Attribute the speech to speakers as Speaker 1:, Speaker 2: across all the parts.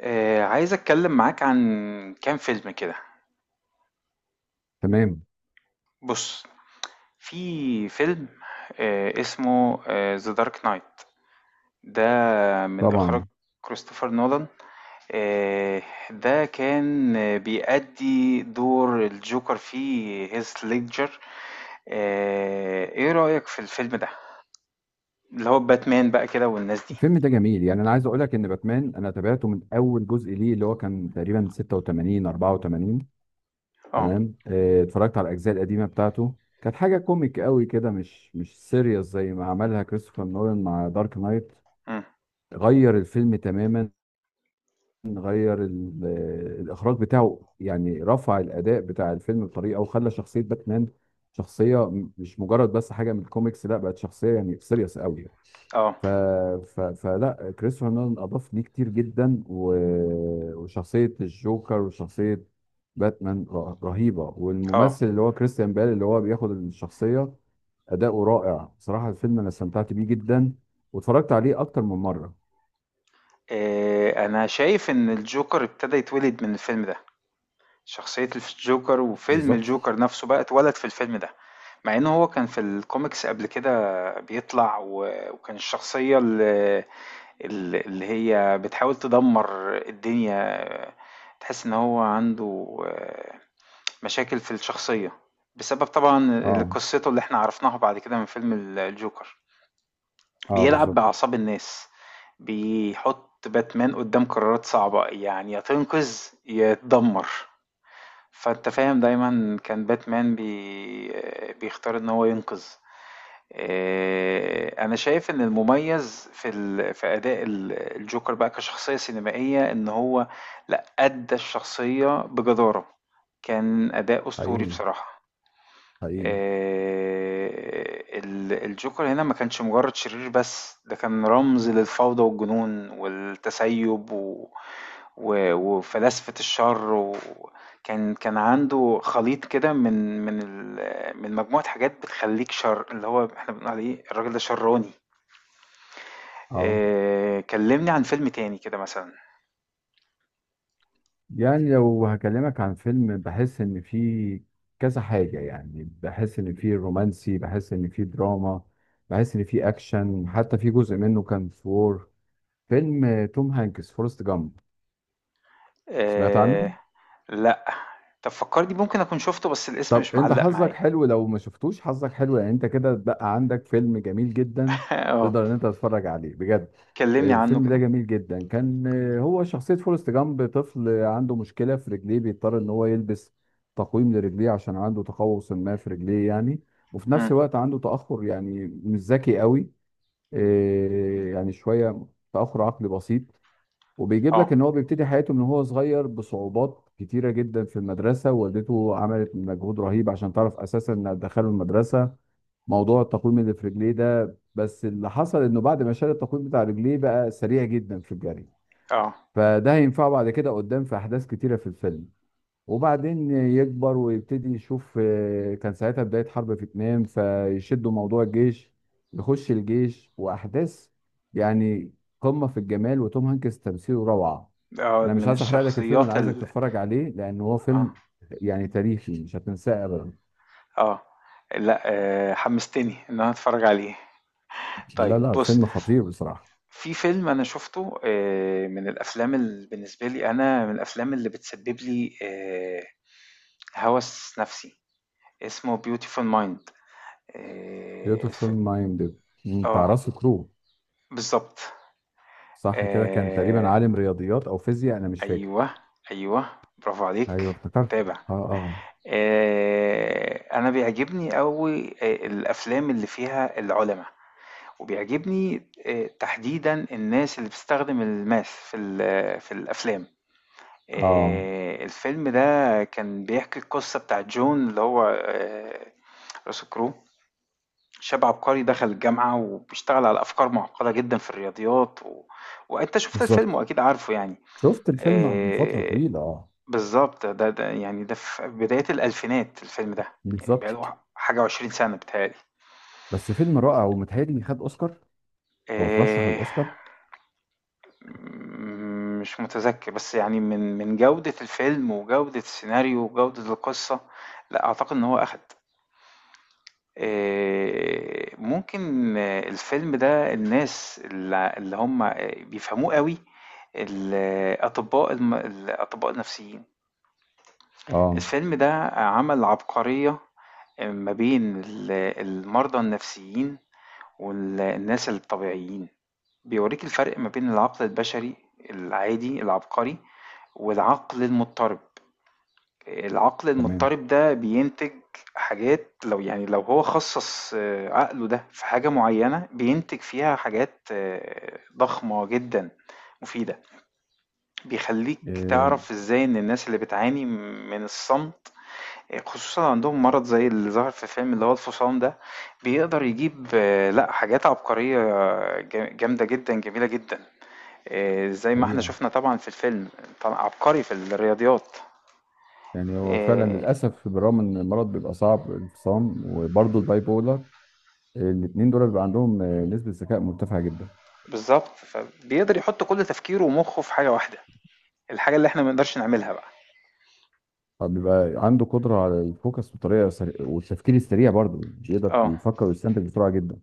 Speaker 1: عايز اتكلم معاك عن كام فيلم كده.
Speaker 2: تمام.
Speaker 1: بص، في فيلم اسمه ذا دارك نايت ده، من اخراج
Speaker 2: طبعا.
Speaker 1: كريستوفر نولان. آه، ده كان بيأدي دور الجوكر في هيث ليدجر. ايه رأيك في الفيلم ده اللي هو باتمان بقى كده والناس دي؟
Speaker 2: الفيلم ده جميل، يعني انا عايز اقول لك ان باتمان انا تابعته من اول جزء ليه، اللي هو كان تقريبا 86 84.
Speaker 1: اه.
Speaker 2: تمام، اتفرجت على الاجزاء القديمه بتاعته. كانت حاجه كوميك قوي كده، مش سيريس زي ما عملها كريستوفر نولان مع دارك نايت.
Speaker 1: مم.
Speaker 2: غير الفيلم تماما. غير ال- آه، الاخراج بتاعه يعني رفع الاداء بتاع الفيلم بطريقه، وخلى شخصيه باتمان شخصيه مش مجرد بس حاجه من الكوميكس، لا بقت شخصيه يعني سيريس قوي.
Speaker 1: اه.
Speaker 2: ف... فلا كريستوفر نولان اضاف ليه كتير جدا وشخصيه الجوكر وشخصيه باتمان رهيبه،
Speaker 1: اه.
Speaker 2: والممثل اللي هو كريستيان بيل اللي هو بياخد الشخصيه اداؤه رائع بصراحه. الفيلم انا استمتعت بيه جدا، واتفرجت عليه اكتر من مره.
Speaker 1: انا شايف ان الجوكر ابتدى يتولد من الفيلم ده، شخصية الجوكر وفيلم
Speaker 2: بالظبط.
Speaker 1: الجوكر نفسه بقى اتولد في الفيلم ده، مع ان هو كان في الكوميكس قبل كده. بيطلع وكان الشخصية اللي هي بتحاول تدمر الدنيا. تحس ان هو عنده مشاكل في الشخصية بسبب طبعا
Speaker 2: اه
Speaker 1: قصته اللي احنا عرفناها بعد كده من فيلم الجوكر.
Speaker 2: اه
Speaker 1: بيلعب
Speaker 2: بالظبط.
Speaker 1: بأعصاب الناس، بيحط باتمان قدام قرارات صعبة، يعني يا تنقذ يا تدمر. فأنت فاهم، دايما كان باتمان بيختار ان هو ينقذ. انا شايف ان المميز في اداء الجوكر بقى كشخصية سينمائية ان هو لا، ادى الشخصية بجدارة. كان اداء اسطوري
Speaker 2: حقيقي
Speaker 1: بصراحة.
Speaker 2: حقيقي.
Speaker 1: الجوكر هنا ما كانش مجرد شرير بس، ده كان رمز للفوضى والجنون والتسيب وفلاسفة الشر. وكان عنده خليط كده من من ال... من مجموعة حاجات بتخليك شر، اللي هو احنا بنقول عليه الراجل ده شراني.
Speaker 2: اه.
Speaker 1: كلمني عن فيلم تاني كده مثلا.
Speaker 2: يعني لو هكلمك عن فيلم بحس ان فيه كذا حاجة، يعني بحس ان فيه رومانسي، بحس ان فيه دراما، بحس ان فيه اكشن، حتى في جزء منه كان في وور. فيلم توم هانكس فورست جامب. سمعت
Speaker 1: آه،
Speaker 2: عنه؟
Speaker 1: لا. طب فكرني، ممكن اكون شفته بس الاسم
Speaker 2: طب
Speaker 1: مش
Speaker 2: انت
Speaker 1: معلق
Speaker 2: حظك
Speaker 1: معايا.
Speaker 2: حلو، لو ما شفتوش حظك حلو، يعني انت كده بقى عندك فيلم جميل جدا،
Speaker 1: اه.
Speaker 2: تقدر ان انت تتفرج عليه بجد.
Speaker 1: كلمني عنه
Speaker 2: الفيلم ده
Speaker 1: كده.
Speaker 2: جميل جدا كان. هو شخصية فورست جامب طفل عنده مشكلة في رجليه، بيضطر ان هو يلبس تقويم لرجليه عشان عنده تقوس ما في رجليه يعني. وفي نفس
Speaker 1: مم.
Speaker 2: الوقت عنده تأخر، يعني مش ذكي قوي. يعني شوية تأخر عقلي بسيط. وبيجيب لك
Speaker 1: اه.
Speaker 2: ان هو بيبتدي حياته من هو صغير بصعوبات كتيره جدا في المدرسه، والدته عملت مجهود رهيب عشان تعرف اساسا انها تدخله المدرسه. موضوع التقويم اللي في رجليه ده، بس اللي حصل انه بعد ما شال التقويم بتاع رجليه بقى سريع جدا في الجري.
Speaker 1: آه،
Speaker 2: فده هينفعه بعد كده قدام في احداث كتيره في الفيلم. وبعدين يكبر ويبتدي يشوف، كان ساعتها بداية حرب فيتنام فيشدوا موضوع الجيش، يخش الجيش وأحداث يعني قمة في الجمال. وتوم هانكس تمثيله روعة. أنا مش
Speaker 1: من
Speaker 2: عايز أحرق لك الفيلم، أنا
Speaker 1: الشخصيات
Speaker 2: عايزك
Speaker 1: ال...
Speaker 2: تتفرج عليه لأن هو
Speaker 1: آه،
Speaker 2: فيلم يعني تاريخي مش هتنساه أبدا.
Speaker 1: آه، لأ. حمستني إن أنا أتفرّج عليه. طيب
Speaker 2: لا لا
Speaker 1: بُص،
Speaker 2: فيلم خطير بصراحة.
Speaker 1: في فيلم أنا شُفته، من الأفلام بالنسبة لي، أنا من الأفلام اللي بتسبب لي هَوَس نَفْسي، اسمه Beautiful Mind. الف...
Speaker 2: بيوتيفول مايند بتاع
Speaker 1: آه،
Speaker 2: راس كرو.
Speaker 1: بالضبط.
Speaker 2: صح كده، كان تقريبا
Speaker 1: آآ،
Speaker 2: عالم رياضيات أو فيزياء أنا مش فاكر.
Speaker 1: أيوه، أيوه، برافو
Speaker 2: أيوه
Speaker 1: عليك،
Speaker 2: افتكرته.
Speaker 1: متابع.
Speaker 2: أه أه
Speaker 1: أنا بيعجبني أوي الأفلام اللي فيها العُلَما. وبيعجبني تحديدًا الناس اللي بتستخدم الماث في الأفلام.
Speaker 2: أه
Speaker 1: الفيلم ده كان بيحكي القصة بتاعة جون اللي هو russell crowe، شاب عبقري دخل الجامعة وبيشتغل على أفكار معقدة جدًا في الرياضيات وأنت شُفت
Speaker 2: بالظبط.
Speaker 1: الفيلم وأكيد عارفه يعني.
Speaker 2: شفت الفيلم من فترة
Speaker 1: آآ
Speaker 2: طويلة اه.
Speaker 1: بالضبط. ده يعني ده في بدايات الألفينات الفيلم ده، يعني بقى له
Speaker 2: بالظبط.
Speaker 1: حاجة و20 سَنة بيتهيأ لي.
Speaker 2: بس فيلم رائع ومتهيألي خد أوسكار أو ترشح
Speaker 1: آآ
Speaker 2: للأوسكار.
Speaker 1: مم، مش متذكر، بس يعني من جودة الفيلم وجودة السيناريو وجودة القصة لا أعتقد إن هو أخد. ممكن الفيلم ده الناس اللي هم بيفهموه قوي، الأطباء الأطباء النفسيين.
Speaker 2: اه.
Speaker 1: الفيلم ده عمل عبقرية ما بين المرضى النفسيين والناس الطبيعيين. بيوريك الفرق ما بين العقل البشري العادي العبقري والعقل المضطرب. العقل
Speaker 2: تمام.
Speaker 1: المضطرب ده بينتج حاجات، لو يعني لو هو خصص عقله ده في حاجة معينة بينتج فيها حاجات ضخمة جدا مفيدة. بيخليك
Speaker 2: إيه.
Speaker 1: تعرف ازاي ان الناس اللي بتعاني من الصمت، خصوصا عندهم مرض زي اللي ظهر في فيلم اللي هو الفصام ده، بيقدر يجيب لا، حاجات عبقرية جامدة جدا، جميلة جدا، زي ما احنا
Speaker 2: حقيقة.
Speaker 1: شفنا طبعا في الفيلم. طبعا عبقري في الرياضيات.
Speaker 2: يعني هو فعلا
Speaker 1: آه،
Speaker 2: للأسف بالرغم إن المرض بيبقى صعب، الفصام وبرضه الباي بولر الاتنين دول بيبقى عندهم نسبة ذكاء مرتفعة جدا.
Speaker 1: بالظبط، فبيقدر يحط كل تفكيره ومخه في حاجة واحدة، الحاجة اللي احنا ما نقدرش نعملها بقى.
Speaker 2: فبيبقى عنده قدرة على الفوكس بطريقة سريعة، والتفكير السريع برضه بيقدر
Speaker 1: اه.
Speaker 2: يفكر ويستنتج بسرعة جدا.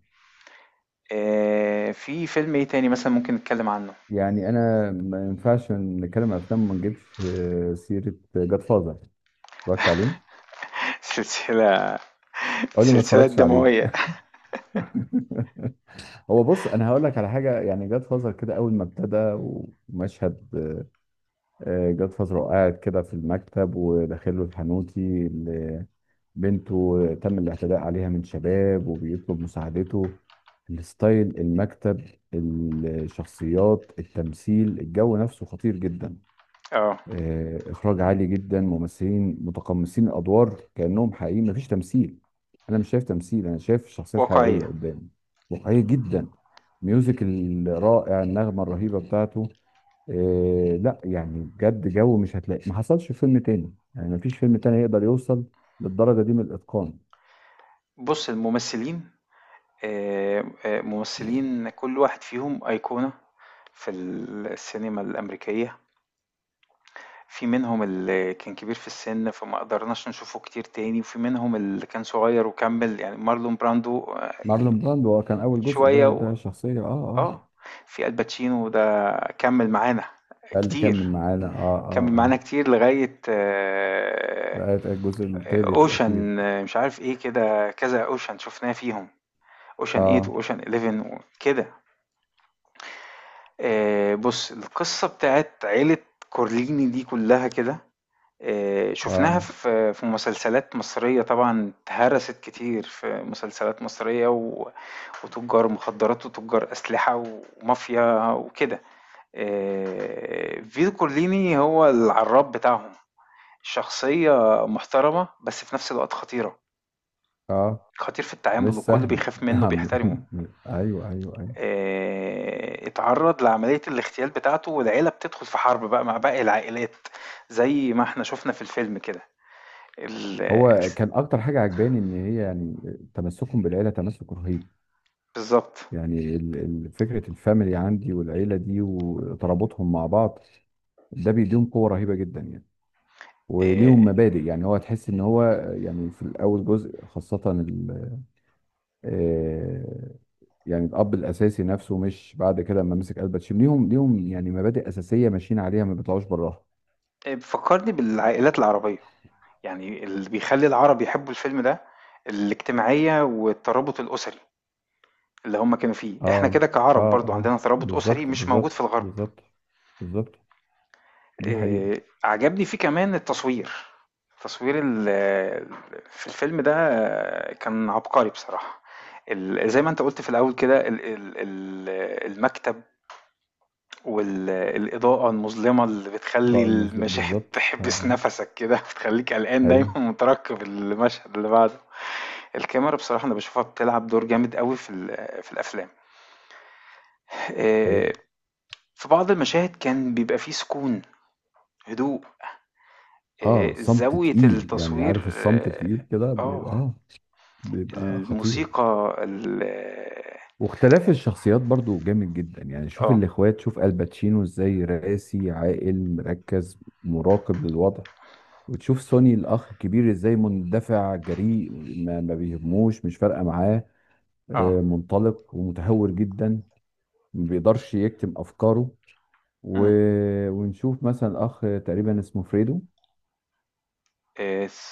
Speaker 1: في فيلم ايه تاني مثلا ممكن نتكلم عنه؟
Speaker 2: يعني أنا ما ينفعش نتكلم عن أفلام وما نجيبش سيرة جاد فازر. اتفرجت عليه؟
Speaker 1: سلسلة،
Speaker 2: قول لي ما
Speaker 1: سلسلة
Speaker 2: اتفرجتش عليه.
Speaker 1: دموية.
Speaker 2: هو بص انا هقول لك على حاجه، يعني جاد فازر كده اول ما ابتدى ومشهد، جاد فازر وقاعد كده في المكتب وداخل له الحانوتي اللي بنته تم الاعتداء عليها من شباب وبيطلب مساعدته. الستايل، المكتب، الشخصيات، التمثيل، الجو نفسه خطير جدا.
Speaker 1: اه.
Speaker 2: اخراج عالي جدا، ممثلين متقمصين الادوار كانهم حقيقيين، مفيش تمثيل. انا مش شايف تمثيل، انا شايف شخصيات
Speaker 1: واقعية.
Speaker 2: حقيقيه قدامي. واقعيه جدا. ميوزك الرائع، النغمه الرهيبه بتاعته. لا يعني بجد جو مش هتلاقي ما حصلش في فيلم تاني، يعني مفيش فيلم تاني يقدر يوصل للدرجه دي من الاتقان.
Speaker 1: بص الممثلين، ممثلين، كل واحد فيهم أيقونة في السينما الأمريكية. في منهم اللي كان كبير في السن فما قدرناش نشوفه كتير تاني، وفي منهم اللي كان صغير وكمل، يعني مارلون براندو.
Speaker 2: مارلون براندو هو كان اول جزء،
Speaker 1: شوية
Speaker 2: ده ده شخصيه اه اه.
Speaker 1: اه. في الباتشينو ده كمل معانا
Speaker 2: ده اللي
Speaker 1: كتير،
Speaker 2: كمل معانا اه
Speaker 1: كمل
Speaker 2: اه
Speaker 1: معانا
Speaker 2: اه.
Speaker 1: كتير لغاية
Speaker 2: ده الجزء الثالث
Speaker 1: اوشن،
Speaker 2: الاخير.
Speaker 1: مش عارف ايه كده، كذا اوشن شفناه فيهم، اوشن 8
Speaker 2: اه
Speaker 1: واوشن 11 وكده. بص، القصة بتاعت عيلة كورليني دي كلها كده شفناها
Speaker 2: اه
Speaker 1: في مسلسلات مصرية طبعا، اتهرست كتير في مسلسلات مصرية وتجار مخدرات وتجار أسلحة ومافيا وكده. فيتو كورليني هو العراب بتاعهم، شخصية محترمة بس في نفس الوقت خطيرة،
Speaker 2: اه
Speaker 1: خطير في التعامل
Speaker 2: مش
Speaker 1: والكل
Speaker 2: سهل.
Speaker 1: بيخاف منه
Speaker 2: نعم.
Speaker 1: بيحترمه.
Speaker 2: ايوه ايوه ايوه.
Speaker 1: اتعرض لعملية الاغتيال بتاعته والعيلة بتدخل في حرب بقى مع باقي العائلات، زي ما احنا شفنا في الفيلم كده. ال-
Speaker 2: هو كان اكتر حاجه عجباني ان هي يعني تمسكهم بالعيله تمسك رهيب.
Speaker 1: بالضبط.
Speaker 2: يعني فكره الفاميلي عندي، والعيله دي وترابطهم مع بعض، ده بيديهم قوه رهيبه جدا يعني.
Speaker 1: آآ
Speaker 2: وليهم مبادئ، يعني هو تحس ان هو يعني في الاول جزء خاصه آه، يعني الاب الاساسي نفسه، مش بعد كده لما مسك قلبة شيم ليهم، ليهم يعني مبادئ اساسيه ماشيين عليها ما بيطلعوش براها.
Speaker 1: فكّرني بالعائلات العربية، يعني اللي بيخلّي العرب يحبّوا الفيلم ده الاجتماعية والترابط الأسري اللي هم كانوا فيه. إحنا
Speaker 2: اه
Speaker 1: كده
Speaker 2: اه
Speaker 1: كعرب برضه
Speaker 2: اه
Speaker 1: عندنا ترابط أسري
Speaker 2: بالظبط
Speaker 1: مش موجود في
Speaker 2: بالظبط
Speaker 1: الغرب.
Speaker 2: بالظبط بالظبط. دي حقيقة.
Speaker 1: عجبني فيه كمان التصوير، تصوير في الفيلم ده كان عبقري بصراحة. زي ما أنت قُلت في الأول كده، ال ال ال المكتب والإضاءة المظلمة اللي بتخلّي
Speaker 2: ضاع المظلم
Speaker 1: المشاهد
Speaker 2: بالظبط اه
Speaker 1: تحبس
Speaker 2: اه
Speaker 1: نَفَسك كده، بتخلّيك قلقان
Speaker 2: ايوه.
Speaker 1: دايمًا ومترقب المشهد اللي بعده. الكاميرا بصراحة أنا باشوفها بتلعب دور جامد أوي في الأفلام. آآ
Speaker 2: حقيقة.
Speaker 1: في بعض المشاهد كان بيبقى في سكون، هدوء،
Speaker 2: اه صمت
Speaker 1: زاوية
Speaker 2: تقيل يعني،
Speaker 1: التصوير.
Speaker 2: عارف الصمت تقيل كده
Speaker 1: آه،
Speaker 2: بيبقى خطير.
Speaker 1: الموسيقى ال...
Speaker 2: واختلاف الشخصيات برضو جامد جدا يعني. شوف
Speaker 1: آه،
Speaker 2: الاخوات، شوف الباتشينو ازاي راسي عاقل مركز مراقب للوضع. وتشوف سوني الاخ الكبير ازاي مندفع جريء، ما بيهموش، مش فارقه معاه،
Speaker 1: آه،
Speaker 2: منطلق ومتهور جدا، ما بيقدرش يكتم افكاره. و...
Speaker 1: إمم،
Speaker 2: ونشوف مثلا اخ تقريبا اسمه فريدو.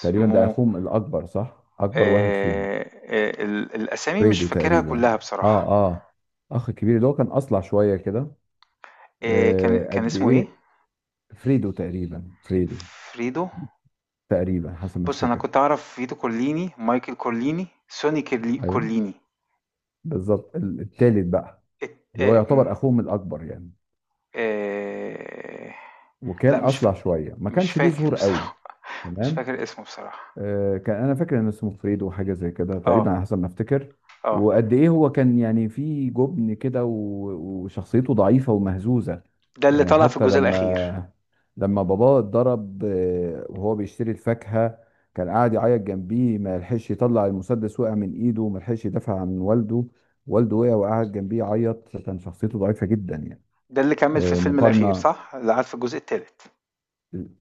Speaker 2: تقريبا ده اخوهم الاكبر، صح، اكبر واحد فيهم.
Speaker 1: ال الأسامي مش
Speaker 2: فريدو
Speaker 1: فاكرها
Speaker 2: تقريبا.
Speaker 1: كلّها
Speaker 2: اه
Speaker 1: بصراحة.
Speaker 2: اه. اخ كبير اللي هو كان اصلع شويه كده.
Speaker 1: إيه،
Speaker 2: آه
Speaker 1: كان
Speaker 2: قد
Speaker 1: اسمه ايه؟
Speaker 2: ايه. فريدو تقريبا، فريدو
Speaker 1: فريدو.
Speaker 2: تقريبا حسب ما
Speaker 1: بص انا
Speaker 2: افتكر.
Speaker 1: كنت اعرف فريدو كورليني، مايكل كورليني، سوني
Speaker 2: ايوه.
Speaker 1: كورليني.
Speaker 2: بالظبط التالت بقى، اللي هو
Speaker 1: إيه
Speaker 2: يعتبر اخوهم الاكبر يعني.
Speaker 1: إيه.
Speaker 2: وكان
Speaker 1: لا،
Speaker 2: اصلع شويه، ما
Speaker 1: مش
Speaker 2: كانش ليه
Speaker 1: فاكر
Speaker 2: ظهور قوي.
Speaker 1: بصراحة مش
Speaker 2: تمام.
Speaker 1: فاكر اسمه بصراحة.
Speaker 2: كان انا فاكر ان اسمه فريدو وحاجه زي كده
Speaker 1: اه.
Speaker 2: تقريبا، على حسب ما افتكر.
Speaker 1: اه.
Speaker 2: وقد ايه هو كان يعني في جبن كده وشخصيته ضعيفه ومهزوزه
Speaker 1: ده اللي
Speaker 2: يعني.
Speaker 1: طلع في
Speaker 2: حتى
Speaker 1: الجزء الأخير.
Speaker 2: لما باباه اتضرب، وهو بيشتري الفاكهه، كان قاعد يعيط جنبيه، ما لحقش يطلع المسدس، وقع من ايده، ما لحقش يدافع عن والده. والده وقع وقعد جنبيه يعيط، كان شخصيته ضعيفه جدا يعني.
Speaker 1: ده اللي كمل في الفيلم الأخير،
Speaker 2: مقارنه
Speaker 1: صح؟ اللي قعد في الجزء الثالث.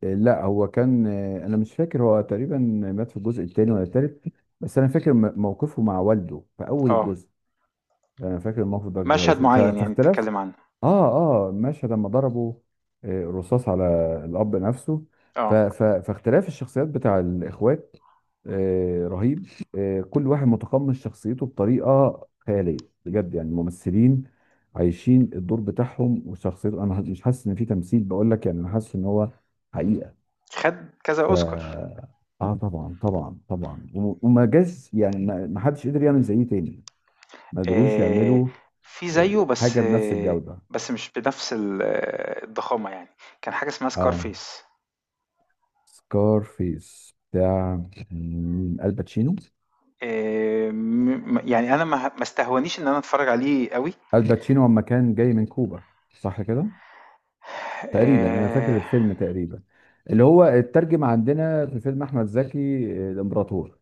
Speaker 2: لا هو كان، انا مش فاكر هو تقريبا مات في الجزء الثاني ولا الثالث، بس انا فاكر موقفه مع والده في اول
Speaker 1: اه.
Speaker 2: الجزء. انا فاكر الموقف ده كويس
Speaker 1: مشهد
Speaker 2: جدا.
Speaker 1: معين يعني
Speaker 2: فاختلاف
Speaker 1: بتتكلم عنه؟
Speaker 2: اه اه مشهد لما ضربوا رصاص على الاب نفسه.
Speaker 1: اه.
Speaker 2: فاختلاف الشخصيات بتاع الاخوات رهيب. كل واحد متقمص شخصيته بطريقه خياليه بجد. يعني الممثلين عايشين الدور بتاعهم وشخصيته، انا مش حاسس ان في تمثيل، بقول لك يعني انا حاسس ان هو حقيقه.
Speaker 1: خد كذا
Speaker 2: ف
Speaker 1: أوسكار.
Speaker 2: اه طبعا طبعا طبعا، وما جاش يعني، ما حدش قدر يعمل زيه تاني. ما قدروش
Speaker 1: آآ
Speaker 2: يعملوا.
Speaker 1: في
Speaker 2: إيه،
Speaker 1: زيّه، بس
Speaker 2: حاجه بنفس الجوده.
Speaker 1: بس مش بنفس ال آه، الضخامة يعني، كان حاجة اسمها
Speaker 2: اه.
Speaker 1: Scarface.
Speaker 2: سكار فيس بتاع مين؟ الباتشينو.
Speaker 1: م م يعني أنا ما استهونيش إن أنا أتفرّج عليه أوي.
Speaker 2: الباتشينو لما كان جاي من كوبا صح كده. تقريبا انا
Speaker 1: آآ
Speaker 2: فاكر الفيلم، تقريبا اللي هو اترجم عندنا في فيلم احمد زكي الامبراطور.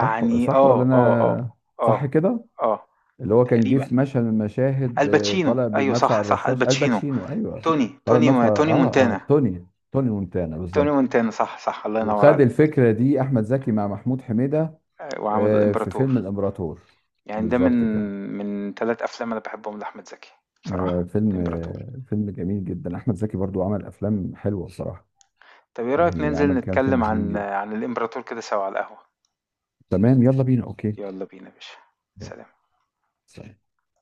Speaker 2: صح صح ولا انا؟ صح
Speaker 1: آه،
Speaker 2: كده.
Speaker 1: آه،
Speaker 2: اللي هو كان جه
Speaker 1: تقريبًا.
Speaker 2: في مشهد من المشاهد
Speaker 1: الباتشينو
Speaker 2: طالع
Speaker 1: أيوه،
Speaker 2: بالمدفع
Speaker 1: صح، صح،
Speaker 2: الرشاش
Speaker 1: الباتشينو،
Speaker 2: الباتشينو ايوه.
Speaker 1: توني،
Speaker 2: طالع
Speaker 1: توني
Speaker 2: بالمدفع
Speaker 1: توني
Speaker 2: اه اه
Speaker 1: مونتانا.
Speaker 2: توني توني مونتانا
Speaker 1: توني
Speaker 2: بالظبط.
Speaker 1: مونتانا، صح، صح، الله ينوّر
Speaker 2: وخد
Speaker 1: عليك.
Speaker 2: الفكره دي احمد زكي مع محمود حميده
Speaker 1: وعمل
Speaker 2: في فيلم
Speaker 1: الإمبراطور،
Speaker 2: الامبراطور.
Speaker 1: يعني ده من
Speaker 2: بالظبط كده.
Speaker 1: 3 أفلام أنا باحبهم لأحمد زكي بصراحة، الإمبراطور.
Speaker 2: فيلم جميل جدا. احمد زكي برضو عمل افلام حلوه بصراحه.
Speaker 1: طب ايه رأيك
Speaker 2: يعني
Speaker 1: ننزل
Speaker 2: عمل كام فيلم
Speaker 1: نتكلم
Speaker 2: حلوين جدا.
Speaker 1: عن الإمبراطور كده سوا على القهوة؟
Speaker 2: تمام يلا بينا اوكي.
Speaker 1: يلا بينا يا باشا.
Speaker 2: يلا.
Speaker 1: سلام.
Speaker 2: سلام.